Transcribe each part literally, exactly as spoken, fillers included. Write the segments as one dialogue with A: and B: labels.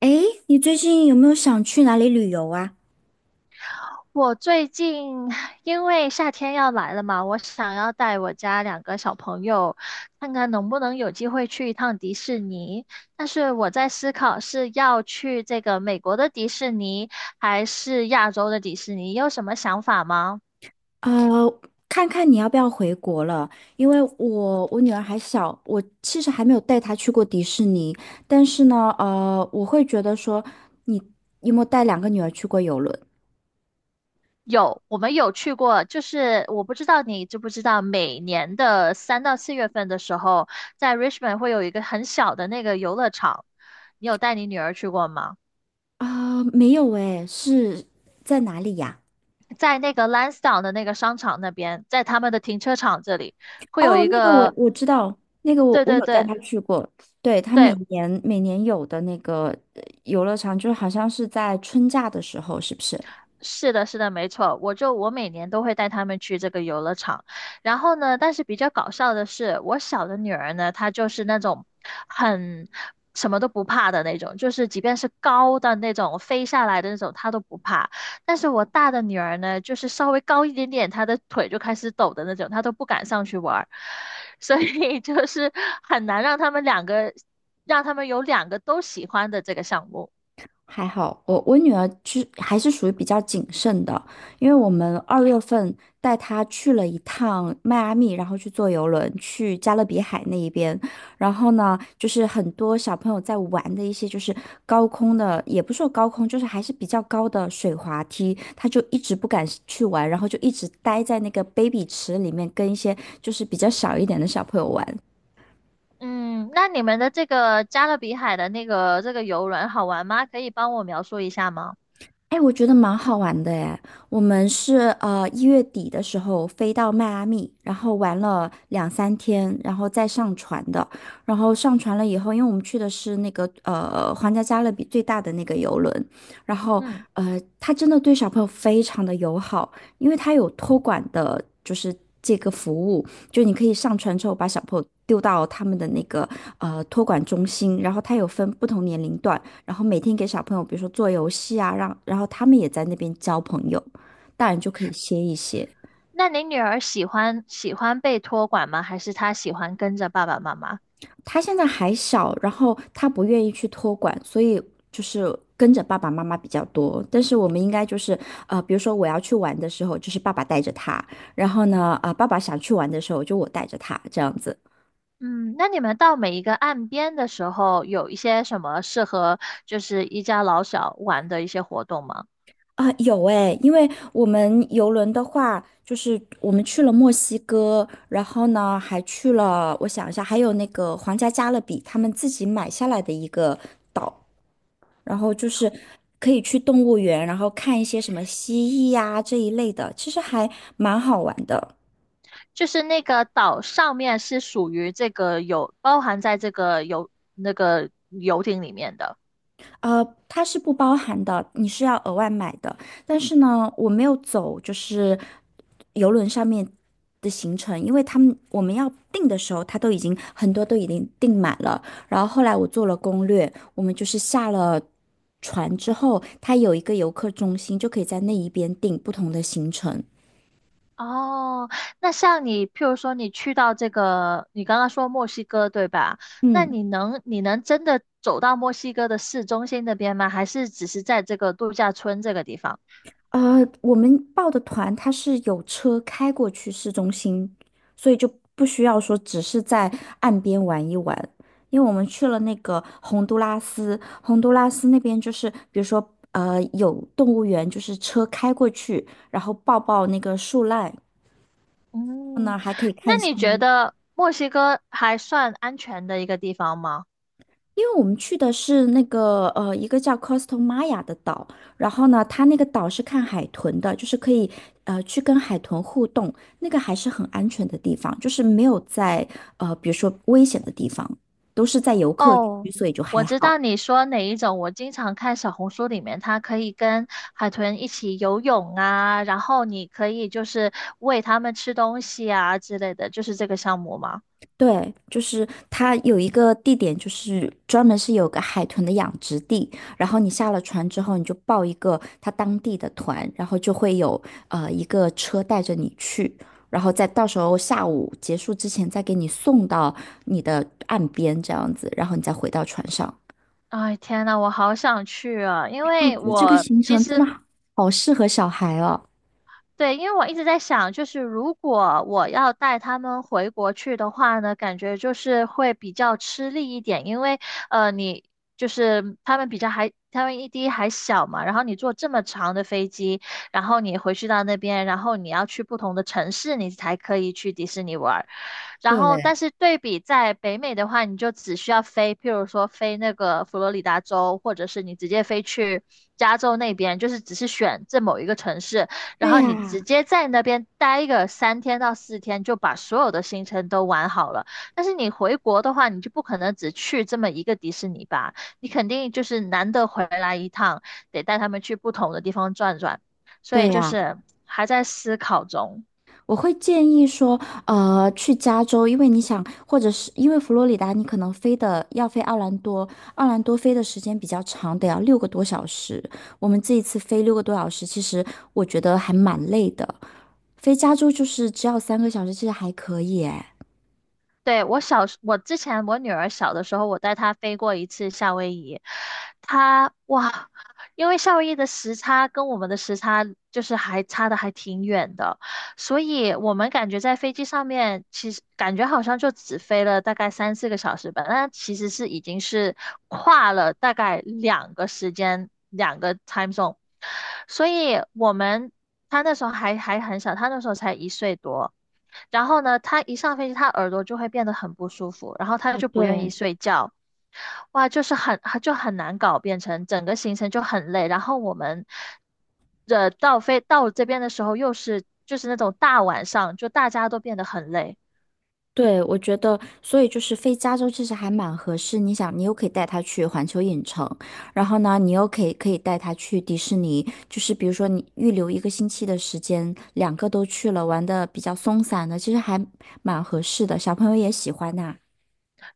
A: 诶，你最近有没有想去哪里旅游啊？
B: 我最近因为夏天要来了嘛，我想要带我家两个小朋友，看看能不能有机会去一趟迪士尼。但是我在思考是要去这个美国的迪士尼，还是亚洲的迪士尼，你有什么想法吗？
A: 呃，看看你要不要回国了，因为我我女儿还小，我其实还没有带她去过迪士尼，但是呢，呃，我会觉得说，你有没有带两个女儿去过游轮？
B: 有，我们有去过。就是我不知道你知不知道，每年的三到四月份的时候，在 Richmond 会有一个很小的那个游乐场，你有带你女儿去过吗？
A: 啊、没有诶，是在哪里呀？
B: 在那个 l a n s d o w n 的那个商场那边，在他们的停车场这里会有
A: 哦，
B: 一
A: 那个我
B: 个。
A: 我知道，那个我
B: 对
A: 我
B: 对
A: 有带
B: 对
A: 她去过，对，她每
B: 对。
A: 年每年有的那个呃游乐场，就好像是在春假的时候，是不是？
B: 是的，是的，没错，我就我每年都会带他们去这个游乐场。然后呢，但是比较搞笑的是，我小的女儿呢，她就是那种很什么都不怕的那种，就是即便是高的那种飞下来的那种，她都不怕。但是我大的女儿呢，就是稍微高一点点，她的腿就开始抖的那种，她都不敢上去玩儿。 所以就是很难让他们两个，让他们有两个都喜欢的这个项目。
A: 还好，我我女儿是还是属于比较谨慎的，因为我们二月份带她去了一趟迈阿密，然后去坐游轮去加勒比海那一边，然后呢，就是很多小朋友在玩的一些就是高空的，也不是说高空，就是还是比较高的水滑梯，她就一直不敢去玩，然后就一直待在那个 baby 池里面跟一些就是比较小一点的小朋友玩，
B: 嗯，那你们的这个加勒比海的那个这个游轮好玩吗？可以帮我描述一下吗？
A: 哎，我觉得蛮好玩的哎。我们是呃一月底的时候飞到迈阿密，然后玩了两三天，然后再上船的。然后上船了以后，因为我们去的是那个呃皇家加勒比最大的那个游轮，然后
B: 嗯，
A: 呃他真的对小朋友非常的友好，因为他有托管的，就是这个服务，就你可以上船之后把小朋友丢到他们的那个呃托管中心，然后他有分不同年龄段。然后每天给小朋友，比如说做游戏啊，让然后他们也在那边交朋友，大人就可以歇一歇。
B: 那你女儿喜欢喜欢被托管吗？还是她喜欢跟着爸爸妈妈？
A: 他现在还小，然后他不愿意去托管，所以就是跟着爸爸妈妈比较多。但是我们应该就是呃，比如说我要去玩的时候，就是爸爸带着他，然后呢，啊、呃爸爸想去玩的时候，就我带着他这样子。
B: 嗯，那你们到每一个岸边的时候，有一些什么适合就是一家老小玩的一些活动吗？
A: 啊，有诶，因为我们游轮的话，就是我们去了墨西哥，然后呢，还去了，我想一下，还有那个皇家加勒比，他们自己买下来的一个岛，然后就是可以去动物园，然后看一些什么蜥蜴呀、这一类的，其实还蛮好玩的。
B: 就是那个岛上面是属于这个有包含在这个游那个游艇里面的。
A: 呃，它是不包含的，你是要额外买的。但是呢，我没有走，就是游轮上面的行程，因为他们我们要订的时候，他都已经很多都已经订满了。然后后来我做了攻略，我们就是下了船之后，他有一个游客中心，就可以在那一边订不同的行程。
B: 哦，那像你，譬如说你去到这个，你刚刚说墨西哥对吧？那
A: 嗯。
B: 你能你能真的走到墨西哥的市中心那边吗？还是只是在这个度假村这个地方？
A: 呃，我们报的团它是有车开过去市中心，所以就不需要说只是在岸边玩一玩，因为我们去了那个洪都拉斯，洪都拉斯那边就是比如说呃有动物园，就是车开过去，然后抱抱那个树懒，然后呢
B: 嗯，
A: 还可以
B: 那
A: 看
B: 你觉
A: 星
B: 得墨西哥还算安全的一个地方吗？
A: 因为我们去的是那个呃一个叫 Costa Maya 的岛，然后呢，它那个岛是看海豚的，就是可以呃去跟海豚互动，那个还是很安全的地方，就是没有在呃比如说危险的地方，都是在游客区，
B: 哦，
A: 所以就还
B: 我知
A: 好。
B: 道你说哪一种。我经常看小红书里面，它可以跟海豚一起游泳啊，然后你可以就是喂它们吃东西啊之类的，就是这个项目吗？
A: 对，就是它有一个地点，就是专门是有个海豚的养殖地，然后你下了船之后，你就报一个它当地的团，然后就会有呃一个车带着你去，然后再到时候下午结束之前再给你送到你的岸边这样子，然后你再回到船上。哦
B: 哎，天呐，我好想去啊！因
A: 我
B: 为
A: 觉得这个
B: 我
A: 行
B: 其
A: 程真的
B: 实
A: 好好适合小孩哦。
B: 对，因为我一直在想，就是如果我要带他们回国去的话呢，感觉就是会比较吃力一点，因为呃，你就是他们比较还，他们一滴还小嘛，然后你坐这么长的飞机，然后你回去到那边，然后你要去不同的城市，你才可以去迪士尼玩儿。然后，但
A: 对，
B: 是对比在北美的话，你就只需要飞，譬如说飞那个佛罗里达州，或者是你直接飞去加州那边，就是只是选这某一个城市，然
A: 对
B: 后你直
A: 呀，
B: 接在那边待个三天到四天，就把所有的行程都玩好了。但是你回国的话，你就不可能只去这么一个迪士尼吧，你肯定就是难得回来一趟，得带他们去不同的地方转转。所以
A: 对
B: 就
A: 呀。
B: 是还在思考中。
A: 我会建议说，呃，去加州，因为你想，或者是因为佛罗里达，你可能飞的要飞奥兰多，奥兰多飞的时间比较长，得要六个多小时。我们这一次飞六个多小时，其实我觉得还蛮累的。飞加州就是只要三个小时，其实还可以诶。
B: 对，我小时，我之前我女儿小的时候，我带她飞过一次夏威夷。她哇，因为夏威夷的时差跟我们的时差就是还差的还挺远的，所以我们感觉在飞机上面，其实感觉好像就只飞了大概三四个小时吧，但其实是已经是跨了大概两个时间，两个 time zone。所以我们她那时候还还很小，她那时候才一岁多。然后呢，他一上飞机，他耳朵就会变得很不舒服，然后他
A: 啊，
B: 就不愿意
A: 对，
B: 睡觉，哇，就是很就很难搞，变成整个行程就很累。然后我们呃到飞到这边的时候，又是就是那种大晚上，就大家都变得很累。
A: 对，我觉得，所以就是飞加州其实还蛮合适。你想，你又可以带他去环球影城，然后呢，你又可以可以带他去迪士尼。就是比如说，你预留一个星期的时间，两个都去了，玩的比较松散的，其实还蛮合适的。小朋友也喜欢呐、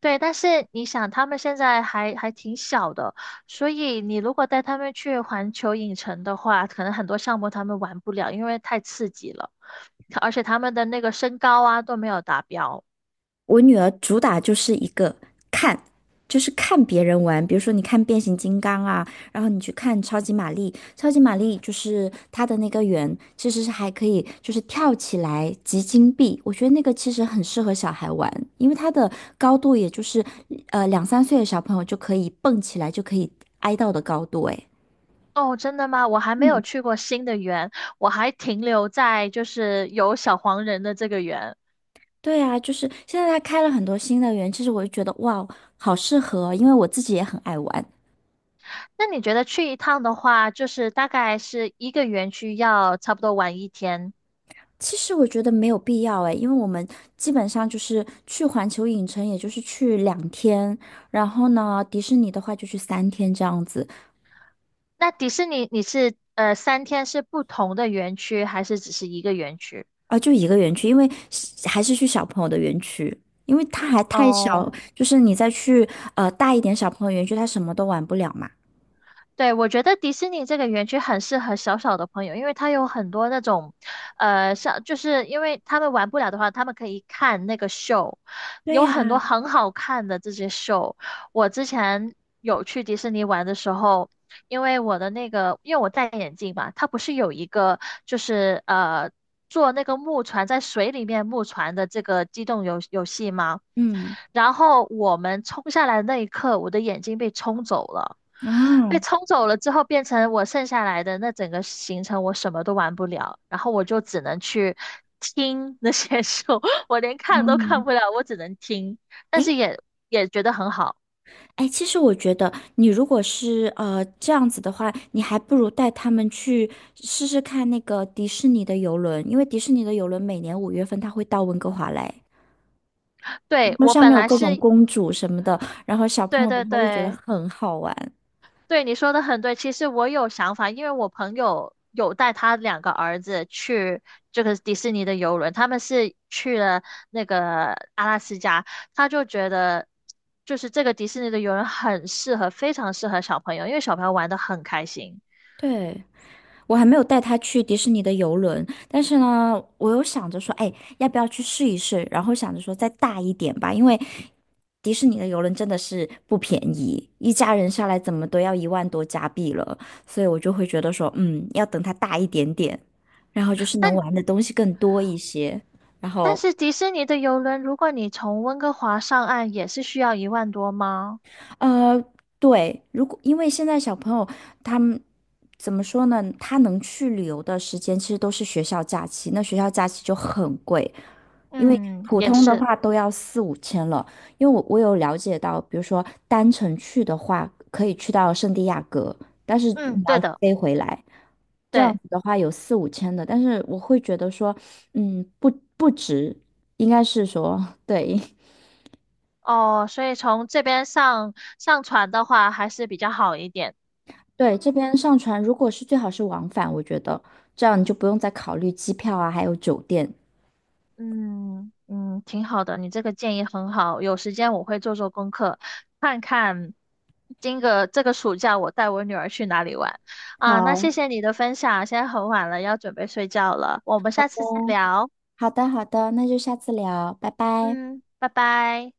B: 对，但是你想，他们现在还还挺小的，所以你如果带他们去环球影城的话，可能很多项目他们玩不了，因为太刺激了，而且他们的那个身高啊都没有达标。
A: 我女儿主打就是一个看，就是看别人玩，比如说你看变形金刚啊，然后你去看超级玛丽，超级玛丽就是它的那个圆其实是还可以，就是跳起来集金币，我觉得那个其实很适合小孩玩，因为它的高度也就是呃两三岁的小朋友就可以蹦起来，就可以挨到的高度，诶。
B: 哦，真的吗？我还没有
A: 嗯，
B: 去过新的园，我还停留在就是有小黄人的这个园。
A: 对啊，就是现在他开了很多新的园，其实我就觉得哇，好适合哦，因为我自己也很爱玩。
B: 那你觉得去一趟的话，就是大概是一个园区要差不多玩一天？
A: 其实我觉得没有必要诶，因为我们基本上就是去环球影城，也就是去两天，然后呢，迪士尼的话就去三天这样子，
B: 那迪士尼你是呃三天是不同的园区，还是只是一个园区？
A: 啊，就一个园区，因为是还是去小朋友的园区，因为他还太
B: 哦。
A: 小，就是你再去呃大一点小朋友园区，他什么都玩不了嘛。
B: 对，我觉得迪士尼这个园区很适合小小的朋友，因为它有很多那种，呃，像就是因为他们玩不了的话，他们可以看那个秀，
A: 对
B: 有很多
A: 呀，
B: 很好看的这些秀。我之前有去迪士尼玩的时候，因为我的那个，因为我戴眼镜嘛，它不是有一个就是呃坐那个木船在水里面木船的这个机动游游戏吗？
A: 嗯，
B: 然后我们冲下来的那一刻，我的眼睛被冲走了。被
A: 哦，
B: 冲走了之后，变成我剩下来的那整个行程，我什么都玩不了，然后我就只能去听那些 书，我连看都看
A: 嗯，
B: 不了，我只能听，但
A: 哎，
B: 是也也觉得很好。
A: 哎，其实我觉得，你如果是呃这样子的话，你还不如带他们去试试看那个迪士尼的游轮，因为迪士尼的游轮每年五月份它会到温哥华来，然
B: 对，
A: 后
B: 我
A: 上
B: 本
A: 面有
B: 来
A: 各种
B: 是，
A: 公主什么的，然后小朋
B: 对
A: 友的
B: 对
A: 话就觉得
B: 对，
A: 很好玩。
B: 对，你说的很对。其实我有想法，因为我朋友有带他两个儿子去这个迪士尼的游轮，他们是去了那个阿拉斯加，他就觉得就是这个迪士尼的游轮很适合，非常适合小朋友，因为小朋友玩的很开心。
A: 对，我还没有带他去迪士尼的游轮，但是呢，我又想着说，哎，要不要去试一试？然后想着说再大一点吧，因为迪士尼的游轮真的是不便宜，一家人下来怎么都要一万多加币了，所以我就会觉得说，嗯，要等它大一点点，然后就是能
B: 但
A: 玩的东西更多一些，然
B: 但
A: 后
B: 是迪士尼的游轮，如果你从温哥华上岸，也是需要一万多吗？
A: 呃，对，如果因为现在小朋友他们怎么说呢？他能去旅游的时间其实都是学校假期，那学校假期就很贵，因为
B: 嗯，
A: 普
B: 也
A: 通的
B: 是，
A: 话都要四五千了。因为我我有了解到，比如说单程去的话，可以去到圣地亚哥，但是
B: 嗯，
A: 你
B: 对
A: 要
B: 的，
A: 飞回来，这样
B: 对。
A: 子的话有四五千的，但是我会觉得说，嗯，不不值，应该是说对。
B: 哦，所以从这边上上船的话还是比较好一点。
A: 对，这边上船如果是最好是往返，我觉得这样你就不用再考虑机票啊，还有酒店。
B: 嗯嗯，挺好的，你这个建议很好。有时间我会做做功课，看看今个这个暑假我带我女儿去哪里玩啊。那
A: 好
B: 谢谢你的分享，现在很晚了，要准备睡觉了，我们下次再
A: 哦，
B: 聊。
A: 好的，好的，那就下次聊，拜拜。
B: 嗯，拜拜。